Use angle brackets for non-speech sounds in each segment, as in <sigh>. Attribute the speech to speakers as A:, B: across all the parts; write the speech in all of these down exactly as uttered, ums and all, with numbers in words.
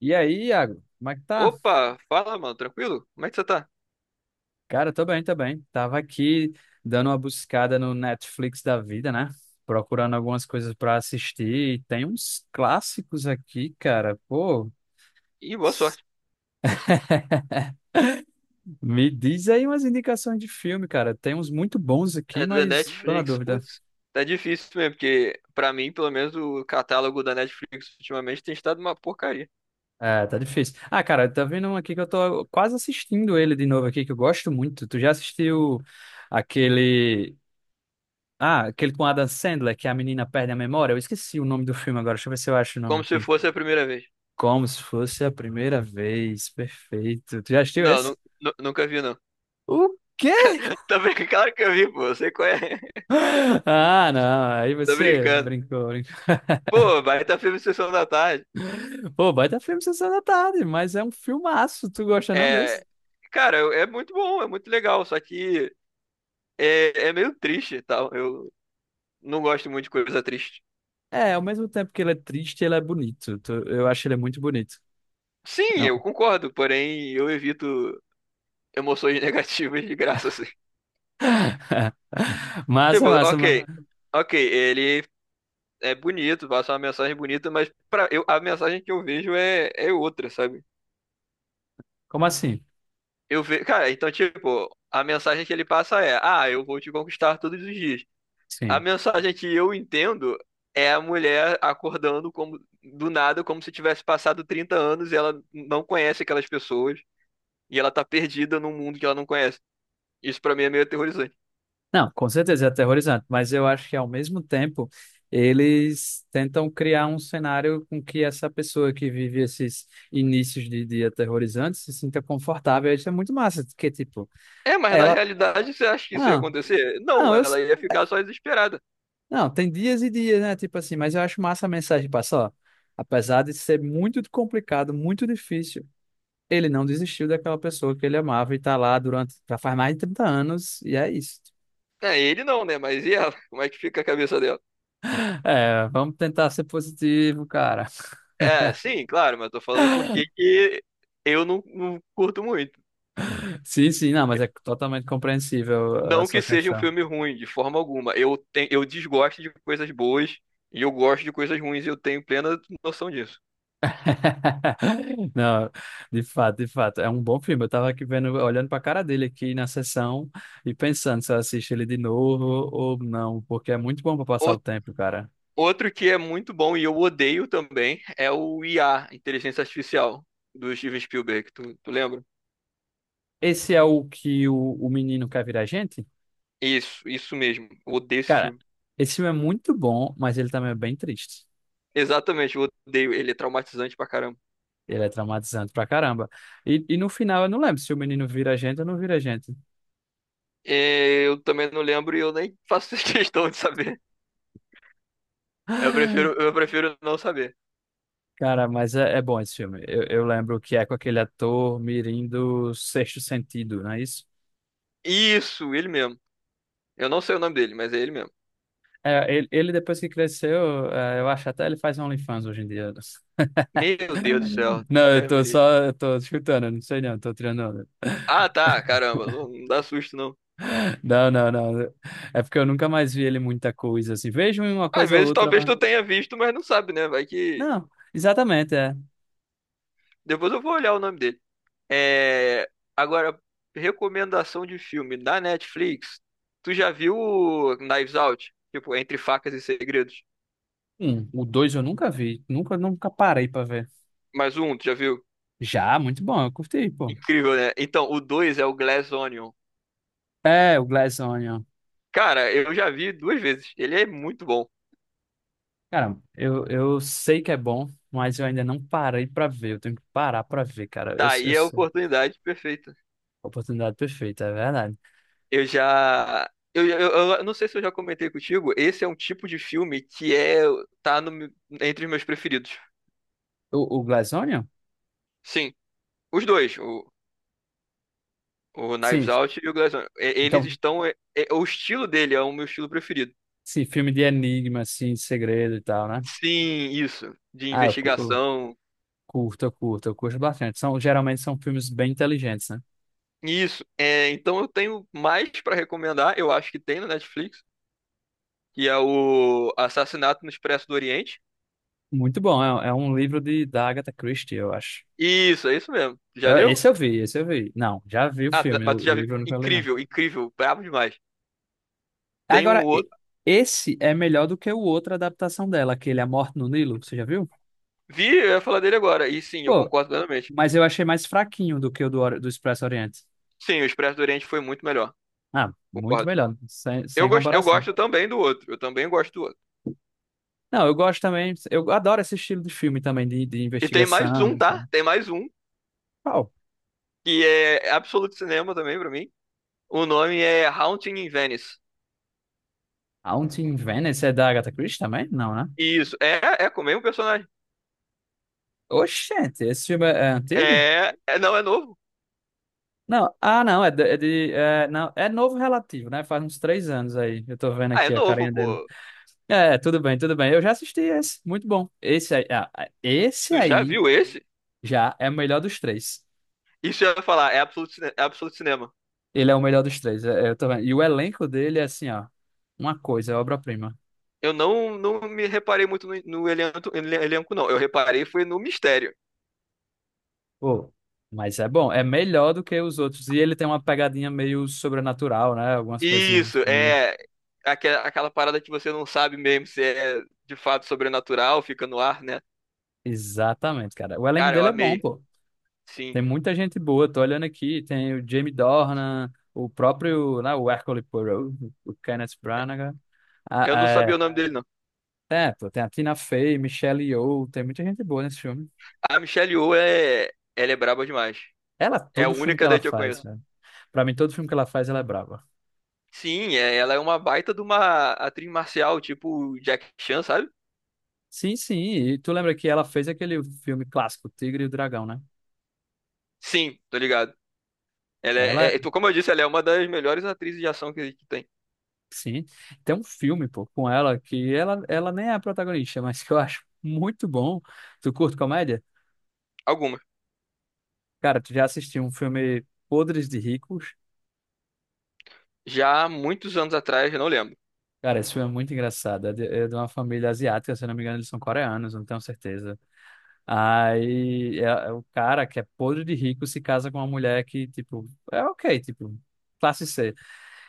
A: E aí, Iago, como é que tá?
B: Opa, fala, mano, tranquilo? Como é que você tá?
A: Cara, tô bem, tô bem. Tava aqui dando uma buscada no Netflix da vida, né? Procurando algumas coisas pra assistir. E tem uns clássicos aqui, cara. Pô,
B: Ih, boa
A: s-
B: sorte.
A: me diz aí umas indicações de filme, cara. Tem uns muito bons aqui,
B: É da
A: mas tô na
B: Netflix,
A: dúvida.
B: putz. Tá difícil mesmo, porque pra mim, pelo menos, o catálogo da Netflix ultimamente tem estado uma porcaria.
A: É, tá difícil. Ah, cara, tá vendo um aqui que eu tô quase assistindo ele de novo aqui, que eu gosto muito. Tu já assistiu aquele. Ah, aquele com Adam Sandler, que a menina perde a memória. Eu esqueci o nome do filme agora. Deixa eu ver se eu acho o nome
B: Como se
A: aqui.
B: fosse a primeira vez.
A: Como se fosse a primeira vez. Perfeito. Tu já assistiu
B: Não,
A: esse?
B: nu- nu- nunca vi, não.
A: O quê? <gasps>
B: <laughs> Tá brincando? Claro que eu vi, pô, você conhece.
A: <laughs> Ah, não. Aí
B: <laughs> Tô
A: você
B: brincando.
A: brincou, brincou.
B: Pô, baita filme Sessão da Tarde.
A: Pô, baita filme Sessão da Tarde, mas é um filmaço. Tu gosta não desse?
B: É. Cara, é é muito bom, é muito legal, só que é, é meio triste e tal. Eu não gosto muito de coisa triste.
A: É, ao mesmo tempo que ele é triste, ele é bonito. Tu- Eu acho ele muito bonito.
B: Sim,
A: Não.
B: eu concordo, porém eu evito emoções <laughs> negativas de graça, assim.
A: <laughs> Massa,
B: Tipo,
A: massa,
B: ok,
A: massa.
B: ok, ele é bonito, passa uma mensagem bonita, mas pra, eu, a mensagem que eu vejo é, é outra, sabe?
A: Como assim?
B: Eu vejo, cara, então, tipo, a mensagem que ele passa é, ah, eu vou te conquistar todos os dias. A
A: Sim.
B: mensagem que eu entendo é a mulher acordando como, do nada, como se tivesse passado trinta anos e ela não conhece aquelas pessoas e ela tá perdida num mundo que ela não conhece. Isso pra mim é meio aterrorizante.
A: Não, com certeza é aterrorizante, mas eu acho que ao mesmo tempo eles tentam criar um cenário com que essa pessoa que vive esses inícios de dia aterrorizantes se sinta confortável. Isso é muito massa, porque tipo,
B: É, mas na
A: ela,
B: realidade você acha que isso ia
A: não,
B: acontecer? Não,
A: não, eu, s-
B: ela ia ficar só desesperada.
A: não, tem dias e dias, né? Tipo assim, mas eu acho massa a mensagem passar, ó, apesar de ser muito complicado, muito difícil, ele não desistiu daquela pessoa que ele amava e tá lá durante, já faz mais de trinta anos e é isso.
B: É, ele não, né? Mas e ela? Como é que fica a cabeça dela?
A: É, vamos tentar ser positivo, cara.
B: É, sim, claro, mas tô falando porque que eu não, não curto muito.
A: Sim, sim, não, mas é totalmente compreensível a
B: Não que
A: sua
B: seja um
A: questão.
B: filme ruim, de forma alguma. Eu, tenho, eu desgosto de coisas boas e eu gosto de coisas ruins e eu tenho plena noção disso.
A: <laughs> Não, de fato, de fato, é um bom filme. Eu tava aqui vendo, olhando pra cara dele aqui na sessão e pensando se eu assisto ele de novo ou não, porque é muito bom pra passar
B: O-
A: o tempo, cara.
B: Outro que é muito bom e eu odeio também é o I A, Inteligência Artificial, do Steven Spielberg. Tu, tu lembra?
A: Esse é o que o, o menino quer virar gente?
B: Isso, isso mesmo. Eu odeio esse
A: Cara,
B: filme.
A: esse filme é muito bom, mas ele também é bem triste.
B: Exatamente, eu odeio. Ele é traumatizante pra caramba.
A: Ele é traumatizante pra caramba. E, e no final, eu não lembro se o menino vira gente ou não vira gente.
B: É, eu também não lembro e eu nem faço <laughs> questão de saber. Eu prefiro, eu prefiro não saber.
A: Cara, mas é, é bom esse filme. Eu, eu lembro que é com aquele ator mirim do Sexto Sentido, não é isso?
B: Isso, ele mesmo. Eu não sei o nome dele, mas é ele mesmo.
A: É, ele, ele, depois que cresceu, é, eu acho até ele faz OnlyFans hoje em dia.
B: Meu Deus do céu.
A: <laughs> Não, eu
B: Deus me
A: tô
B: livre.
A: só, eu tô escutando, não sei não, tô tirando onda.
B: Ah, tá, caramba. Não, não dá susto, não.
A: Não, não, não. É porque eu nunca mais vi ele em muita coisa assim. Vejo em uma
B: Às
A: coisa ou
B: vezes
A: outra,
B: talvez
A: mas.
B: tu tenha visto, mas não sabe, né? Vai que.
A: Não, exatamente, é.
B: Depois eu vou olhar o nome dele. É, agora, recomendação de filme da Netflix. Tu já viu o Knives Out? Tipo, Entre Facas e Segredos.
A: Um, o dois eu nunca vi, nunca, nunca parei pra ver.
B: Mais um, tu já viu?
A: Já, muito bom, eu curti, pô.
B: Incrível, né? Então, o dois é o Glass Onion.
A: É, o Glass Onion.
B: Cara, eu já vi duas vezes. Ele é muito bom.
A: Cara, eu, eu sei que é bom, mas eu ainda não parei pra ver. Eu tenho que parar pra ver, cara. Eu,
B: Tá, aí
A: eu
B: é a
A: sou
B: oportunidade perfeita.
A: oportunidade perfeita, é verdade.
B: Eu já. Eu, eu, eu não sei se eu já comentei contigo. Esse é um tipo de filme que é. Tá no, meu- Entre os meus preferidos.
A: O, o Glass Onion?
B: Sim, os dois. O, o Knives
A: Sim.
B: Out e o Glass Onion. E- Eles
A: Então,
B: estão. É- é- o estilo dele é o meu estilo preferido.
A: sim, filme de enigma, assim, de segredo e tal, né?
B: Sim, isso. De
A: Ah, eu, cu- eu
B: investigação.
A: curto, eu curto, eu curto bastante. São, geralmente são filmes bem inteligentes, né?
B: Isso. É, então eu tenho mais pra recomendar. Eu acho que tem no Netflix, que é o Assassinato no Expresso do Oriente.
A: Muito bom. É, é um livro de, da Agatha Christie, eu acho.
B: Isso, é isso mesmo. Já
A: Eu-
B: leu?
A: Esse eu vi, esse eu vi. Não, já vi o
B: Ah, tá,
A: filme,
B: mas
A: o,
B: tu já
A: o
B: viu.
A: livro eu nunca li, não.
B: Incrível, incrível, brabo demais. Tem um
A: Agora, e-
B: outro.
A: esse é melhor do que o outra adaptação dela, aquele A Morte no Nilo, você já viu?
B: Vi, eu ia falar dele agora. E sim, eu
A: Pô,
B: concordo plenamente.
A: mas eu achei mais fraquinho do que o do, Ori- do Expresso Oriente.
B: Sim, o Expresso do Oriente foi muito melhor.
A: Ah, muito
B: Concordo.
A: melhor, sem,
B: Eu
A: sem
B: gosto, eu
A: comparação.
B: gosto também do outro. Eu também gosto do outro.
A: Não, eu gosto também, eu adoro esse estilo de filme também, de, de
B: E tem mais
A: investigação
B: um,
A: e tal.
B: tá? Tem mais um,
A: Qual?
B: que é absoluto cinema também pra mim. O nome é Haunting in Venice.
A: Haunting in Venice é da Agatha Christie também? Não, né?
B: Isso, é, é com o mesmo personagem.
A: Oxente, esse filme é, é antigo?
B: É, é, não, é novo.
A: Não, ah, não, é de, é de- é, não, é novo relativo, né? Faz uns três anos aí, eu tô vendo
B: Ah, é
A: aqui a
B: novo,
A: carinha dele.
B: pô.
A: É, tudo bem, tudo bem, eu já assisti esse, muito bom. Esse aí, ah, esse
B: Tu já
A: aí
B: viu esse?
A: já é o melhor dos três.
B: Isso eu ia falar, é absoluto, cine- é absoluto cinema.
A: Ele é o melhor dos três, é- é, eu tô vendo. E o elenco dele é assim, ó, uma coisa, é obra-prima.
B: Eu não, não me reparei muito no, no elenco, ele- elenco, não. Eu reparei foi no mistério.
A: Pô, mas é bom, é melhor do que os outros. E ele tem uma pegadinha meio sobrenatural, né? Algumas coisinhas,
B: Isso,
A: sim.
B: é aque- aquela parada que você não sabe mesmo se é de fato sobrenatural, fica no ar, né?
A: Exatamente, cara. O elenco
B: Cara, eu
A: dele é bom,
B: amei.
A: pô.
B: Sim.
A: Tem muita gente boa, tô olhando aqui, tem o Jamie Dornan, o próprio, né, o Hercule Poirot, o Kenneth Branagh. Ah,
B: Eu não sabia
A: é,
B: o nome dele, não.
A: é, pô, tem a Tina Fey, Michelle Yeoh, tem muita gente boa nesse filme.
B: A Michelle Yeoh é, ela é braba demais.
A: Ela,
B: É a
A: todo filme que
B: única
A: ela
B: daí que eu
A: faz,
B: conheço.
A: cara. Pra mim, todo filme que ela faz, ela é brava.
B: Sim, é, ela é uma baita de uma atriz marcial, tipo Jack Chan, sabe?
A: Sim, sim. E tu lembra que ela fez aquele filme clássico, Tigre e o Dragão, né?
B: Sim, tô ligado. Ela
A: Ela,
B: é, é, tu- Como eu disse, ela é uma das melhores atrizes de ação que que tem.
A: sim, tem um filme, pô, com ela que ela, ela nem é a protagonista, <laughs> mas que eu acho muito bom. Tu curte comédia?
B: Algumas.
A: Cara, tu já assistiu um filme Podres de Ricos?
B: Já há muitos anos atrás, eu não lembro.
A: Cara, esse filme é muito engraçado. É de, é de uma família asiática, se eu não me engano, eles são coreanos, não tenho certeza. Aí é, é o cara que é podre de rico se casa com uma mulher que, tipo, é ok, tipo, classe cê.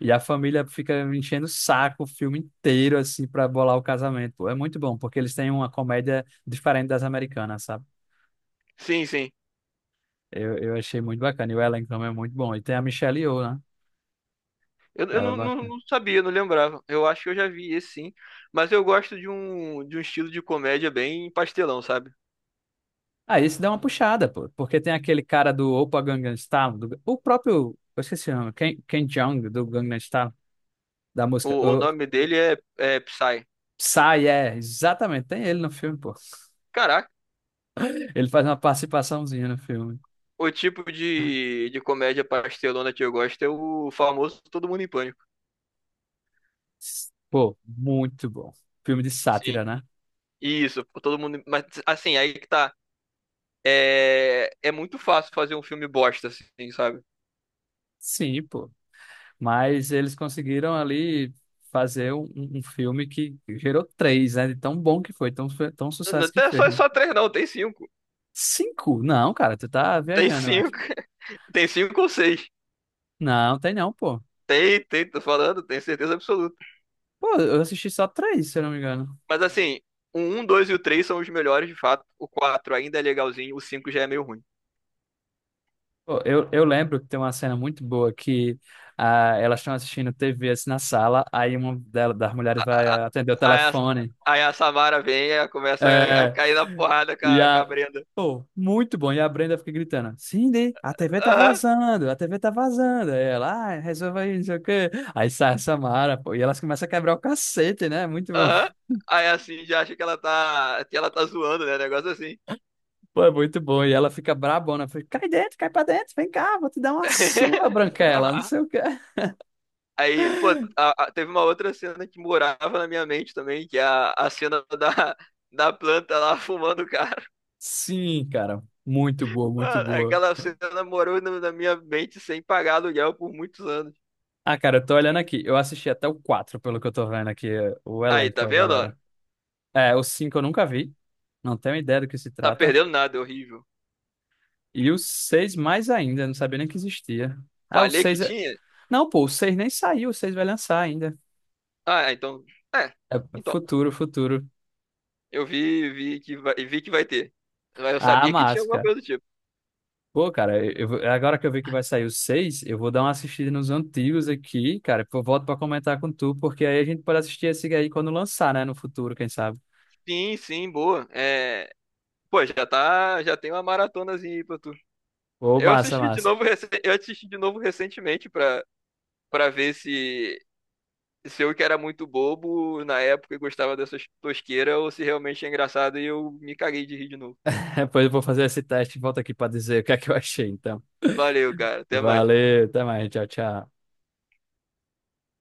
A: E a família fica enchendo o saco o filme inteiro, assim, pra bolar o casamento. Pô, é muito bom, porque eles têm uma comédia diferente das americanas, sabe?
B: Sim, sim.
A: Eu, eu achei muito bacana. E o elenco também é muito bom. E tem a Michelle Yeoh, né?
B: Eu, eu
A: Ela é
B: não, não,
A: bacana.
B: não sabia, não lembrava. Eu acho que eu já vi esse sim. Mas eu gosto de um, de um, estilo de comédia bem pastelão, sabe?
A: Aí isso dá uma puxada, pô. Porque tem aquele cara do Opa Gangnam Style, do- o próprio, eu esqueci o nome, Ken, Ken Jeong, do Gangnam Style, da música.
B: O, o
A: O,
B: nome dele é, é Psy.
A: Psy, é, exatamente. Tem ele no filme, pô.
B: Caraca,
A: Ele faz uma participaçãozinha no filme.
B: o tipo de, de comédia pastelona que eu gosto é o famoso Todo Mundo em Pânico.
A: Pô, muito bom. Filme de
B: Sim.
A: sátira, né?
B: Isso, todo mundo. Mas assim, aí que tá. É, é muito fácil fazer um filme bosta, assim, sabe?
A: Sim, pô. Mas eles conseguiram ali fazer um, um um filme que gerou três, né? De tão bom que foi, tão, fe- tão
B: Não
A: sucesso que
B: tem
A: fez.
B: só, só três, não, tem cinco.
A: Cinco? Não, cara, tu tá
B: Tem
A: viajando, eu acho.
B: cinco. <laughs> Tem cinco ou seis.
A: Não, tem não, pô.
B: Tem, tem, tô falando, tenho certeza absoluta.
A: Pô, eu assisti só três, se eu não me engano.
B: Mas assim, o um, dois e o três são os melhores, de fato. O quatro ainda é legalzinho, o cinco já é meio ruim.
A: Pô, eu, eu lembro que tem uma cena muito boa que ah, elas estão assistindo tê vê assim na sala, aí uma dela- das mulheres vai atender o
B: Aí a,
A: telefone.
B: aí a Samara vem e começa a, a
A: É,
B: cair na porrada com
A: e
B: a, com a
A: a.
B: Brenda.
A: Pô, muito bom. E a Brenda fica gritando: Cindy, a tê vê tá
B: Aham,
A: vazando, a tê vê tá vazando. Aí ela, ah, resolve aí, não sei o quê. Aí sai a Samara, pô, e elas começam a quebrar o cacete, né? Muito bom. <laughs>
B: aham. Aí assim, já acha que ela tá, que ela tá zoando, né? Negócio assim.
A: Pô, é muito bom. E ela fica brabona: fica, cai dentro, cai pra dentro, vem cá, vou te dar uma surra, Branquela, não
B: <laughs>
A: sei o quê.
B: Aí, pô, a- a- teve uma outra cena que morava na minha mente também, que é a, a cena da, da planta lá fumando o.
A: Sim, cara, muito boa, muito
B: Mano,
A: boa.
B: aquela cena morou na na minha mente sem pagar aluguel por muitos anos.
A: Ah, cara, eu tô olhando aqui. Eu assisti até o quatro pelo que eu tô vendo aqui, o
B: Aí,
A: elenco,
B: tá
A: a
B: vendo, ó?
A: galera. É, o cinco eu nunca vi. Não tenho ideia do que se
B: Tá
A: trata.
B: perdendo nada, é horrível.
A: E o seis mais ainda, não sabia nem que existia. Ah, o
B: Falei que
A: seis é...
B: tinha?
A: Não, pô, o seis nem saiu, o seis vai lançar ainda.
B: Ah, é, então. É.
A: É
B: Então,
A: futuro, futuro.
B: eu vi, vi que vai, vi que vai ter. Mas eu
A: Ah,
B: sabia que tinha
A: massa,
B: alguma
A: cara.
B: coisa do tipo.
A: Pô, cara, eu, eu vou- agora que eu vi que vai sair o seis eu vou dar uma assistida nos antigos aqui, cara. Pô, volto pra comentar com tu, porque aí a gente pode assistir esse aí quando lançar, né? No futuro, quem sabe.
B: Sim, sim, boa. É, pô, já tá, já tem uma maratonazinha aí pra tu.
A: Ô,
B: Eu
A: massa,
B: assisti de
A: massa.
B: novo, recen- eu assisti de novo recentemente pra, pra ver se, se eu que era muito bobo na época e gostava dessas tosqueiras ou se realmente é engraçado e eu me caguei de rir de novo.
A: <laughs> Depois eu vou fazer esse teste e volto aqui pra dizer o que é que eu achei, então.
B: Valeu, cara. Até mais.
A: Valeu, até mais, tchau, tchau.